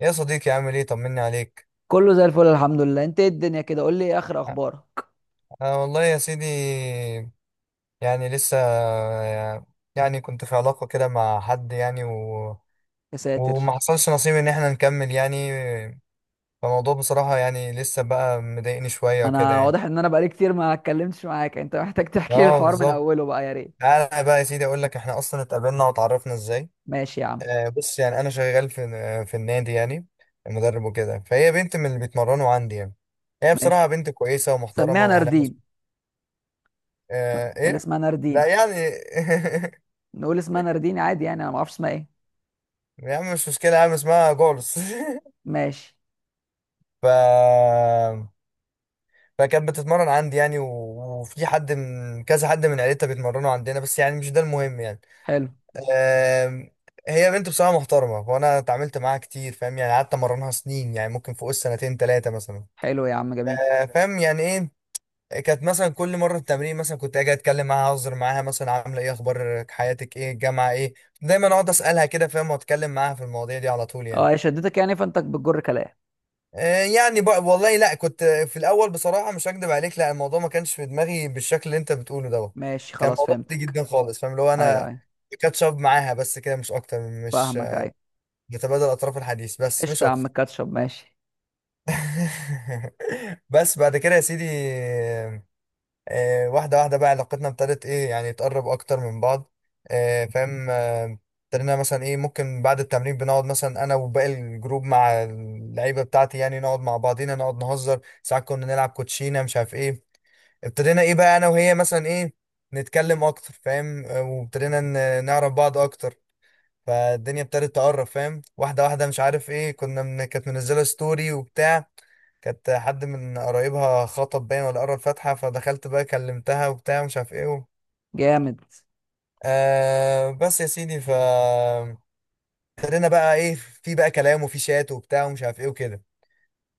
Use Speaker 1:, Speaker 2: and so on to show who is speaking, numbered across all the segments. Speaker 1: يا صديقي، عامل ايه؟ طمني عليك.
Speaker 2: كله زي الفل، الحمد لله. انت ايه الدنيا كده، قول لي ايه اخر
Speaker 1: أ-
Speaker 2: اخبارك؟
Speaker 1: أنا والله يا سيدي، يعني لسه، يعني كنت في علاقة كده مع حد يعني
Speaker 2: يا
Speaker 1: وما
Speaker 2: ساتر!
Speaker 1: حصلش نصيب ان احنا نكمل يعني. فالموضوع بصراحة يعني لسه بقى مضايقني شوية وكده
Speaker 2: انا
Speaker 1: يعني.
Speaker 2: واضح ان انا بقالي كتير ما اتكلمتش معاك، انت محتاج تحكي لي
Speaker 1: اه
Speaker 2: الحوار من
Speaker 1: بالظبط.
Speaker 2: اوله بقى يا ريت.
Speaker 1: انا بقى يا سيدي اقول لك احنا اصلا اتقابلنا وتعرفنا ازاي.
Speaker 2: ماشي يا عم.
Speaker 1: بص يعني انا شغال في النادي يعني، مدرب وكده، فهي بنت من اللي بيتمرنوا عندي يعني. هي بصراحة
Speaker 2: ماشي.
Speaker 1: بنت كويسة
Speaker 2: سميها
Speaker 1: ومحترمة وأهلها.
Speaker 2: ناردين،
Speaker 1: آه
Speaker 2: خلي
Speaker 1: ايه،
Speaker 2: اسمها
Speaker 1: لا
Speaker 2: ناردين.
Speaker 1: يعني.
Speaker 2: نقول اسمها ناردين عادي، يعني انا ما اعرفش اسمها ايه.
Speaker 1: يا عم مش مشكلة يا عم، اسمها جولس.
Speaker 2: ماشي.
Speaker 1: ف فكانت بتتمرن عندي يعني، وفي حد من كذا حد من عيلتها بيتمرنوا عندنا، بس يعني مش ده المهم يعني.
Speaker 2: حلو.
Speaker 1: آم، هي بنت بصراحة محترمة، وانا اتعاملت معاها كتير فاهم يعني، قعدت امرنها سنين يعني ممكن فوق السنتين ثلاثة مثلا.
Speaker 2: حلو يا عم، جميل.
Speaker 1: فاهم يعني ايه. كانت مثلا كل مره التمرين مثلا كنت اجي اتكلم معاها، اهزر معاها، مثلا عامله ايه، اخبار حياتك ايه، الجامعه ايه، دايما اقعد اسالها كده فاهم، واتكلم معاها في المواضيع دي على طول
Speaker 2: اه،
Speaker 1: يعني.
Speaker 2: هي شدتك يعني فانت بتجر كلام.
Speaker 1: يعني بقى والله لا، كنت في الاول بصراحه مش هكدب عليك، لا، الموضوع ما كانش في دماغي بالشكل اللي انت بتقوله دوت.
Speaker 2: ماشي
Speaker 1: كان
Speaker 2: خلاص،
Speaker 1: موضوع عادي
Speaker 2: فهمتك.
Speaker 1: جدا خالص فاهم، اللي هو
Speaker 2: ايوه
Speaker 1: انا
Speaker 2: ايوه،
Speaker 1: كاتشب معاها بس كده مش اكتر. مش
Speaker 2: فاهمك. ايوه.
Speaker 1: بتبادل اطراف الحديث بس مش
Speaker 2: قشطة يا عم،
Speaker 1: اكتر.
Speaker 2: الكاتشب ماشي.
Speaker 1: بس بعد كده يا سيدي، واحدة واحدة بقى علاقتنا ابتدت ايه يعني تقرب اكتر من بعض. آه، فاهم آه، ابتدينا مثلا ايه، ممكن بعد التمرين بنقعد مثلا انا وباقي الجروب مع اللعيبة بتاعتي يعني، نقعد مع بعضينا، نقعد نهزر، ساعات كنا نلعب كوتشينة مش عارف ايه. ابتدينا ايه بقى انا وهي مثلا ايه نتكلم اكتر فاهم. وابتدينا نعرف بعض اكتر. فالدنيا ابتدت تقرب فاهم، واحدة واحدة مش عارف ايه، كنا كانت منزلة ستوري وبتاع. كانت حد من قرايبها خطب باين ولا قرا الفاتحة، فدخلت بقى كلمتها وبتاع مش عارف ايه
Speaker 2: جامد.
Speaker 1: بس يا سيدي، ف ابتدينا بقى ايه، في بقى كلام وفي شات وبتاع ومش عارف ايه وكده.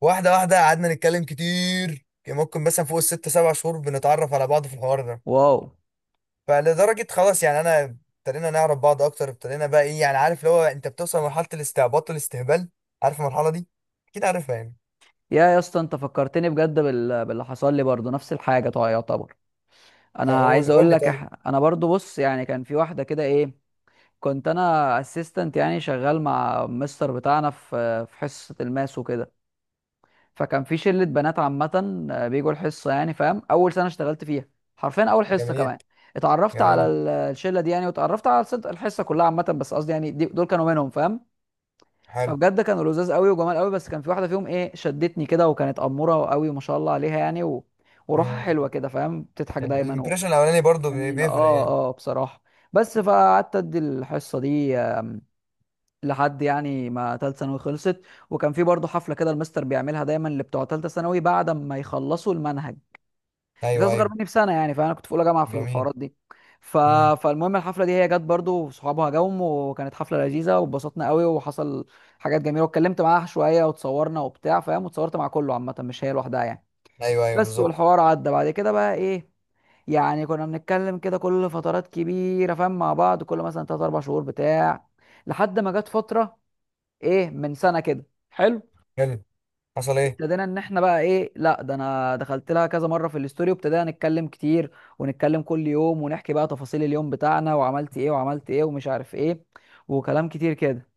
Speaker 1: واحدة واحدة قعدنا نتكلم كتير، كان ممكن مثلا فوق ال6-7 شهور بنتعرف على بعض في الحوار ده.
Speaker 2: واو.
Speaker 1: فلدرجة خلاص يعني انا، ابتدينا نعرف بعض اكتر، ابتدينا بقى ايه يعني عارف اللي هو انت بتوصل لمرحلة الاستعباط والاستهبال. عارف المرحلة دي؟ اكيد عارفها يعني.
Speaker 2: يا اسطى، انت فكرتني بجد باللي حصل لي برضه، نفس الحاجه طبعا يعتبر. انا عايز
Speaker 1: قول
Speaker 2: اقول
Speaker 1: لي
Speaker 2: لك،
Speaker 1: طيب.
Speaker 2: انا برضه بص يعني كان في واحده كده ايه. كنت انا اسيستنت، يعني شغال مع مستر بتاعنا في حصه الماس وكده. فكان في شله بنات عامه، بيجوا الحصه، يعني فاهم اول سنه اشتغلت فيها، حرفيا اول حصه
Speaker 1: جميل.
Speaker 2: كمان. اتعرفت على
Speaker 1: جميل.
Speaker 2: الشله دي يعني، واتعرفت على الحصه كلها عامه. بس قصدي يعني دول كانوا منهم، فاهم.
Speaker 1: حلو.
Speaker 2: فبجد كانوا لذاذ قوي وجمال قوي. بس كان في واحده فيهم ايه شدتني كده، وكانت اموره قوي ما شاء الله عليها يعني وروحها حلوه كده، فاهم، بتضحك دايما.
Speaker 1: الامبريشن الاولاني برضو
Speaker 2: جميله،
Speaker 1: بيفرق
Speaker 2: اه
Speaker 1: يعني.
Speaker 2: اه، بصراحه. بس فقعدت ادي الحصه دي، لحد يعني ما تالتة ثانوي خلصت. وكان في برضه حفله كده، المستر بيعملها دايما لبتوع تالتة ثانوي بعد ما يخلصوا المنهج. كانت
Speaker 1: ايوه،
Speaker 2: اصغر
Speaker 1: ايوه.
Speaker 2: مني بسنه، يعني فانا كنت في اولى جامعه في
Speaker 1: جميل.
Speaker 2: الحوارات دي ف...
Speaker 1: امم.
Speaker 2: فالمهم الحفله دي هي جت برضو وصحابها جم، وكانت حفله لذيذه واتبسطنا قوي، وحصل حاجات جميله، واتكلمت معاها شويه وتصورنا وبتاع فاهم. وتصورت مع كله عامه، مش هي لوحدها يعني.
Speaker 1: ايوه، ايوه،
Speaker 2: بس،
Speaker 1: بالظبط.
Speaker 2: والحوار عدى بعد كده بقى ايه، يعني كنا بنتكلم كده كل فترات كبيره فاهم، مع بعض كل مثلا 3 4 شهور بتاع، لحد ما جت فتره ايه من سنه كده، حلو.
Speaker 1: حلو. حصل ايه؟
Speaker 2: ابتدينا ان احنا بقى ايه، لا ده انا دخلت لها كذا مره في الاستوري، وابتدينا نتكلم كتير ونتكلم كل يوم، ونحكي بقى تفاصيل اليوم بتاعنا وعملت ايه وعملت ايه ومش عارف ايه، وكلام كتير كده.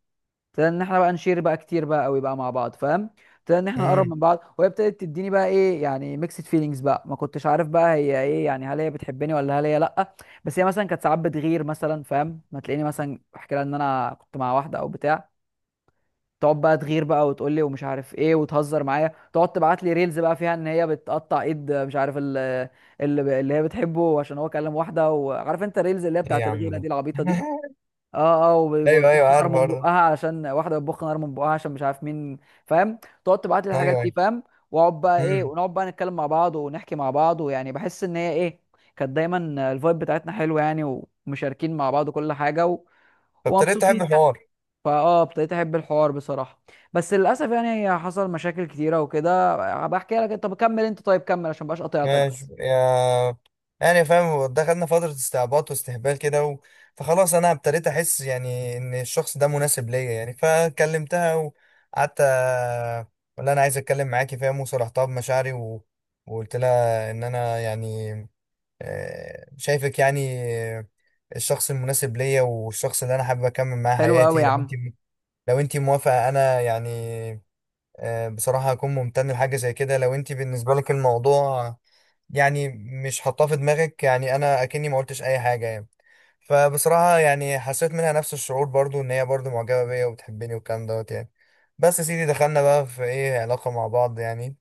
Speaker 2: ابتدينا ان احنا بقى نشير بقى كتير بقى قوي بقى مع بعض، فاهم. ابتدينا ان احنا نقرب
Speaker 1: امم.
Speaker 2: من بعض، وهي ابتدت تديني بقى ايه يعني ميكسد فيلينجز بقى، ما كنتش عارف بقى هي ايه، يعني هل هي بتحبني ولا هل هي لا. بس هي مثلا كانت ساعات بتغير مثلا فاهم، ما تلاقيني مثلا احكي لها ان انا كنت مع واحده او بتاع. تقعد بقى تغير بقى وتقول لي ومش عارف ايه، وتهزر معايا، تقعد تبعت لي ريلز بقى فيها ان هي بتقطع ايد مش عارف اللي هي بتحبه عشان هو كلم واحده، وعارف انت الريلز اللي هي
Speaker 1: ايه يا
Speaker 2: بتاعت
Speaker 1: عم
Speaker 2: الغيره دي
Speaker 1: ده.
Speaker 2: العبيطه دي. اه اه،
Speaker 1: ايوه، ايوه،
Speaker 2: وبتبخ
Speaker 1: عارف
Speaker 2: نار من
Speaker 1: الحوار ده.
Speaker 2: بقها علشان واحده بتبخ نار من بقها عشان مش عارف مين، فاهم. تقعد تبعت لي الحاجات
Speaker 1: ايوه،
Speaker 2: دي
Speaker 1: ايوه.
Speaker 2: فاهم، واقعد بقى ايه
Speaker 1: امم.
Speaker 2: ونقعد بقى نتكلم مع بعض ونحكي مع بعض، ويعني بحس ان هي ايه. كانت دايما الفايب بتاعتنا حلوه يعني، ومشاركين مع بعض كل حاجه
Speaker 1: فابتديت احب
Speaker 2: ومبسوطين يعني.
Speaker 1: الحوار.
Speaker 2: ابتديت احب الحوار بصراحه. بس للاسف يعني هي حصل مشاكل كتيره وكده. هبقى احكي لك، انت كمل. انت طيب كمل عشان مبقاش قطعتك
Speaker 1: ماشي
Speaker 2: بس.
Speaker 1: يا، يعني فاهم دخلنا فترة استعباط واستهبال كده فخلاص انا ابتديت احس يعني ان الشخص ده مناسب ليا يعني، فكلمتها وقعدت، ولا انا عايز اتكلم معاكي فاهم، وصرحتها بمشاعري وقلت لها ان انا يعني شايفك يعني آه، الشخص المناسب ليا، والشخص اللي انا حابب اكمل معاه
Speaker 2: حلو قوي
Speaker 1: حياتي،
Speaker 2: يا عم.
Speaker 1: لو انت موافقه، انا يعني بصراحه هكون ممتن لحاجه زي كده. لو انت بالنسبه لك الموضوع يعني مش حاطاه في دماغك، يعني انا اكني ما قلتش اي حاجه يعني. فبصراحه يعني حسيت منها نفس الشعور برضو، ان هي برضو معجبه بيا وبتحبني والكلام دوت يعني. بس يا سيدي دخلنا بقى في ايه علاقه مع بعض يعني.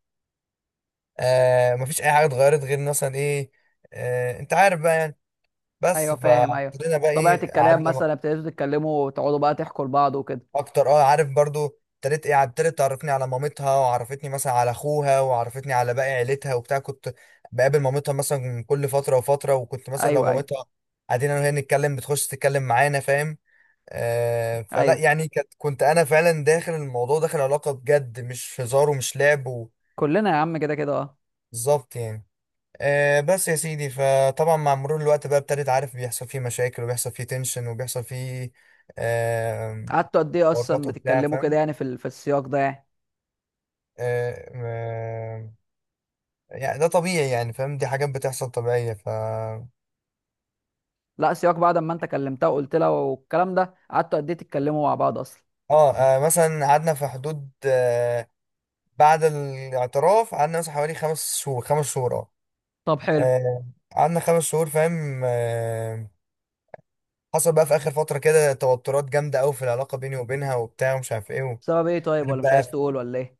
Speaker 1: آه مفيش اي حاجه اتغيرت غير مثلا ايه، آه انت عارف بقى يعني. بس
Speaker 2: ايوه، فاهم. ايوه.
Speaker 1: فابتدينا بقى
Speaker 2: طبيعه
Speaker 1: ايه،
Speaker 2: الكلام
Speaker 1: قعدنا
Speaker 2: مثلا، ابتديتوا تتكلموا وتقعدوا بقى تحكوا لبعض وكده.
Speaker 1: اكتر اه، عارف برضو، ابتديت ايه، ابتدت تعرفني على مامتها، وعرفتني مثلا على اخوها، وعرفتني على باقي عيلتها وبتاع. كنت بقابل مامتها مثلا كل فتره وفتره، وكنت مثلا لو
Speaker 2: ايوه ايوه
Speaker 1: مامتها قاعدين انا وهي نتكلم، بتخش تتكلم معانا فاهم. آه فلا
Speaker 2: ايوه،
Speaker 1: يعني كانت، كنت انا فعلا داخل الموضوع، داخل علاقه بجد، مش هزار ومش لعب
Speaker 2: كلنا يا عم كده كده اه.
Speaker 1: بالظبط يعني. آه بس يا سيدي، فطبعا مع مرور الوقت بقى ابتديت، عارف، بيحصل فيه مشاكل وبيحصل فيه تنشن وبيحصل فيه آه،
Speaker 2: قعدتوا قد ايه اصلا
Speaker 1: ورطه بتاع
Speaker 2: بتتكلموا كده،
Speaker 1: فاهم.
Speaker 2: يعني في السياق ده يعني.
Speaker 1: آه، ما- يعني ده طبيعي يعني فاهم، دي حاجات بتحصل طبيعية ف اه.
Speaker 2: لا، سياق بعد ما انت كلمتها وقلت لها والكلام ده، قعدتوا قد ايه تتكلموا مع بعض اصلا؟
Speaker 1: مثلا قعدنا في حدود، بعد الاعتراف قعدنا مثلا حوالي 5 شهور، 5 شهور اه.
Speaker 2: طب حلو.
Speaker 1: آه، قعدنا خمس شهور فاهم. حصل بقى في آخر فترة كده توترات جامدة أوي في العلاقة بيني وبينها وبتاع ومش عارف ايه
Speaker 2: بسبب ايه طيب، ولا مش عايز
Speaker 1: بقى.
Speaker 2: تقول ولا ايه؟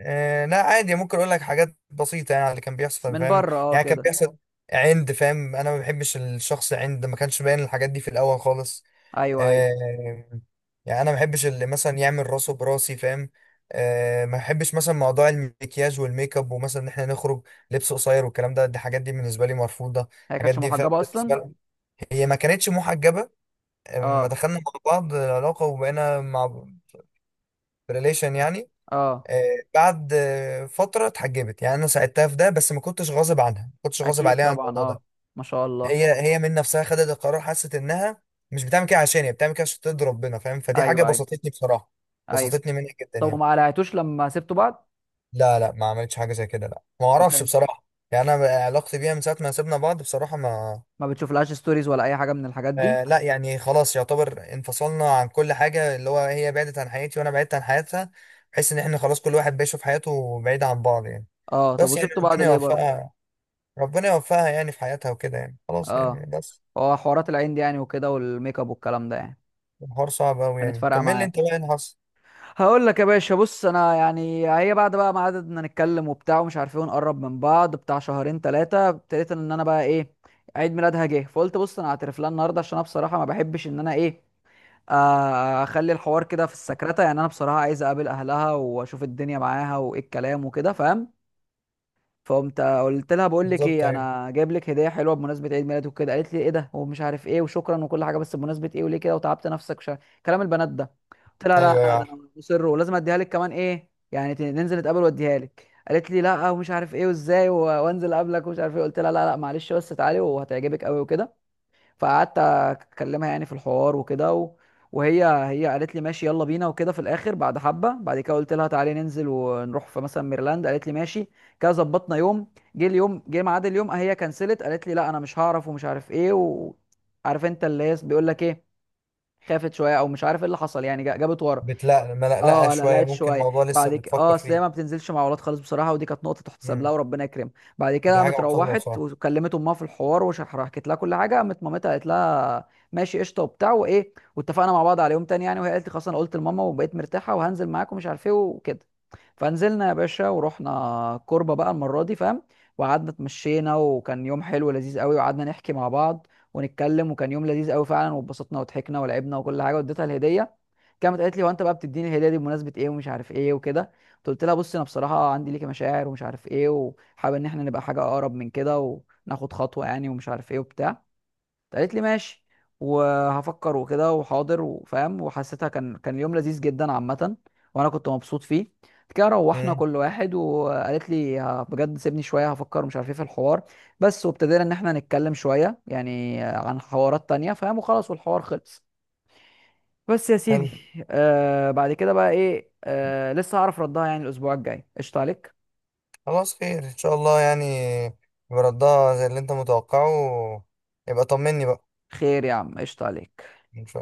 Speaker 1: آه لا عادي، ممكن اقول لك حاجات بسيطه يعني على اللي كان بيحصل
Speaker 2: من
Speaker 1: فاهم.
Speaker 2: بره اه
Speaker 1: يعني كان
Speaker 2: كده.
Speaker 1: بيحصل عند فاهم، انا ما بحبش الشخص، عند ما كانش باين الحاجات دي في الاول خالص.
Speaker 2: ايوه ايوه.
Speaker 1: آه يعني انا ما بحبش اللي مثلا يعمل راسه براسي فاهم. آه ما بحبش مثلا موضوع المكياج والميك اب، ومثلا ان احنا نخرج لبس قصير والكلام ده، دي الحاجات دي بالنسبه لي مرفوضه،
Speaker 2: هي
Speaker 1: الحاجات
Speaker 2: كانتش
Speaker 1: دي فاهم
Speaker 2: محجبة
Speaker 1: بالنسبه
Speaker 2: اصلا؟
Speaker 1: لي. هي ما كانتش محجبه. لما
Speaker 2: اه
Speaker 1: دخلنا مع بعض العلاقه وبقينا مع ريليشن يعني.
Speaker 2: اه.
Speaker 1: آه، بعد آه، فترة اتحجبت يعني، أنا ساعدتها في ده بس ما كنتش غاصب عنها، ما كنتش غاصب
Speaker 2: اكيد
Speaker 1: عليها عن
Speaker 2: طبعا
Speaker 1: الموضوع
Speaker 2: اه.
Speaker 1: ده.
Speaker 2: ما شاء الله.
Speaker 1: هي هي من نفسها خدت القرار، حست إنها مش بتعمل كده، عشان هي بتعمل كده عشان ترضي ربنا فاهم، فدي حاجة
Speaker 2: ايوه ايوه
Speaker 1: بسطتني بصراحة،
Speaker 2: ايوه.
Speaker 1: بسطتني منها جدا
Speaker 2: طب
Speaker 1: يعني.
Speaker 2: وما قلعتوش لما سبتوا بعض؟
Speaker 1: لا، لا، ما عملتش حاجة زي كده، لا ما
Speaker 2: طب
Speaker 1: أعرفش
Speaker 2: حلو.
Speaker 1: بصراحة. يعني أنا علاقتي بيها من ساعة ما سيبنا بعض بصراحة ما،
Speaker 2: ما بتشوفلهاش ستوريز ولا اي حاجة من الحاجات دي؟
Speaker 1: آه لا يعني خلاص يعتبر انفصلنا عن كل حاجة، اللي هو هي بعدت عن حياتي وأنا بعدت عن حياتها، بحيث إن إحنا خلاص كل واحد بيشوف حياته بعيد عن بعض يعني.
Speaker 2: اه. طب
Speaker 1: بس يعني
Speaker 2: وسبتوا بعض
Speaker 1: ربنا
Speaker 2: ليه برضه؟
Speaker 1: يوفقها، ربنا يوفقها يعني في حياتها وكده يعني خلاص يعني
Speaker 2: اه،
Speaker 1: بس.
Speaker 2: هو حوارات العين دي يعني وكده، والميك اب والكلام ده يعني،
Speaker 1: الحوار صعب أوي
Speaker 2: كانت
Speaker 1: يعني.
Speaker 2: فارقة
Speaker 1: كمل لي أنت
Speaker 2: معاك؟
Speaker 1: بقى إيه اللي حصل.
Speaker 2: هقول لك يا باشا. بص، انا يعني هي بعد بقى ما قعدنا نتكلم وبتاع ومش عارفين نقرب من بعض بتاع شهرين ثلاثة، ابتديت ان انا بقى ايه عيد ميلادها جه، فقلت بص انا هعترف لها النهارده عشان انا بصراحة ما بحبش ان انا ايه، اخلي الحوار كده في السكرتة. يعني انا بصراحة عايز اقابل اهلها واشوف الدنيا معاها، وايه الكلام وكده فاهم. فقمت قلت لها بقول لك
Speaker 1: بالظبط.
Speaker 2: ايه
Speaker 1: أيوه،
Speaker 2: انا جايب لك هدية حلوة بمناسبة عيد ميلادك وكده. قالت لي ايه ده ومش عارف ايه وشكرا وكل حاجة، بس بمناسبة ايه وليه كده وتعبت نفسك. كلام البنات ده. قلت لها لا
Speaker 1: أيوه، يا
Speaker 2: لا ده
Speaker 1: عارف.
Speaker 2: انا مصر ولازم اديها لك كمان ايه، يعني ننزل نتقابل واديها لك. قالت لي لا ومش عارف ايه وازاي وانزل اقابلك ومش عارف ايه. قلت لها لا لا معلش، بس تعالي وهتعجبك قوي وكده. فقعدت اكلمها يعني في الحوار وكده وهي قالت لي ماشي يلا بينا وكده. في الاخر بعد حبه بعد كده قلت لها تعالي ننزل ونروح في مثلا ميرلاند. قالت لي ماشي. كده ظبطنا يوم. جه اليوم، جه ميعاد اليوم، هي كنسلت. قالت لي لا انا مش هعرف ومش عارف ايه، وعارف انت اللي هي بيقول لك ايه. خافت شويه او مش عارف ايه اللي حصل، يعني جابت ورا.
Speaker 1: بتلقلق ملقلقة
Speaker 2: اه لا،
Speaker 1: شوية،
Speaker 2: لقيت
Speaker 1: ممكن
Speaker 2: شويه
Speaker 1: موضوع لسه
Speaker 2: بعد كده اه،
Speaker 1: بتفكر
Speaker 2: اصل هي
Speaker 1: فيه.
Speaker 2: ما بتنزلش مع ولاد خالص بصراحه، ودي كانت نقطه تحتسب لها
Speaker 1: امم.
Speaker 2: وربنا يكرمها. بعد كده
Speaker 1: دي حاجة
Speaker 2: قامت
Speaker 1: محترمة
Speaker 2: روحت
Speaker 1: بصراحة.
Speaker 2: وكلمت امها في الحوار وحكيت لها كل حاجه. قامت مامتها قالت لها ماشي قشطه وبتاع وايه، واتفقنا مع بعض على يوم تاني يعني. وهي قالت لي خلاص انا قلت لماما وبقيت مرتاحه وهنزل معاك ومش عارف ايه وكده. فنزلنا يا باشا، ورحنا كوربه بقى المره دي فاهم. وقعدنا اتمشينا وكان يوم حلو لذيذ قوي، وقعدنا نحكي مع بعض ونتكلم، وكان يوم لذيذ قوي فعلا. واتبسطنا وضحكنا ولعبنا وكل حاجه، واديتها الهديه. كانت قالت لي هو انت بقى بتديني الهديه دي بمناسبه ايه ومش عارف ايه وكده. قلت لها بصي انا بصراحه عندي ليكي مشاعر ومش عارف ايه، وحابب ان احنا نبقى حاجه اقرب من كده وناخد خطوه يعني، ومش عارف ايه وبتاع. قالت لي ماشي وهفكر وكده وحاضر وفاهم، وحسيتها كان اليوم لذيذ جدا عامه، وانا كنت مبسوط فيه. بعد كده روحنا
Speaker 1: امم.
Speaker 2: كل واحد، وقالت لي بجد سيبني شويه هفكر ومش عارف ايه في الحوار بس. وابتدينا ان احنا نتكلم شويه يعني عن حوارات تانية فاهم، وخلاص والحوار خلص. بس يا سيدي
Speaker 1: حلو.
Speaker 2: بعد كده بقى ايه لسه هعرف ردها يعني الاسبوع الجاي. قشطة عليك.
Speaker 1: خلاص، خير إن شاء الله يعني، يبقى ردها زي اللي أنت متوقعه. يبقى طمني بقى.
Speaker 2: خير يا عم، قشطة عليك.
Speaker 1: إن شاء.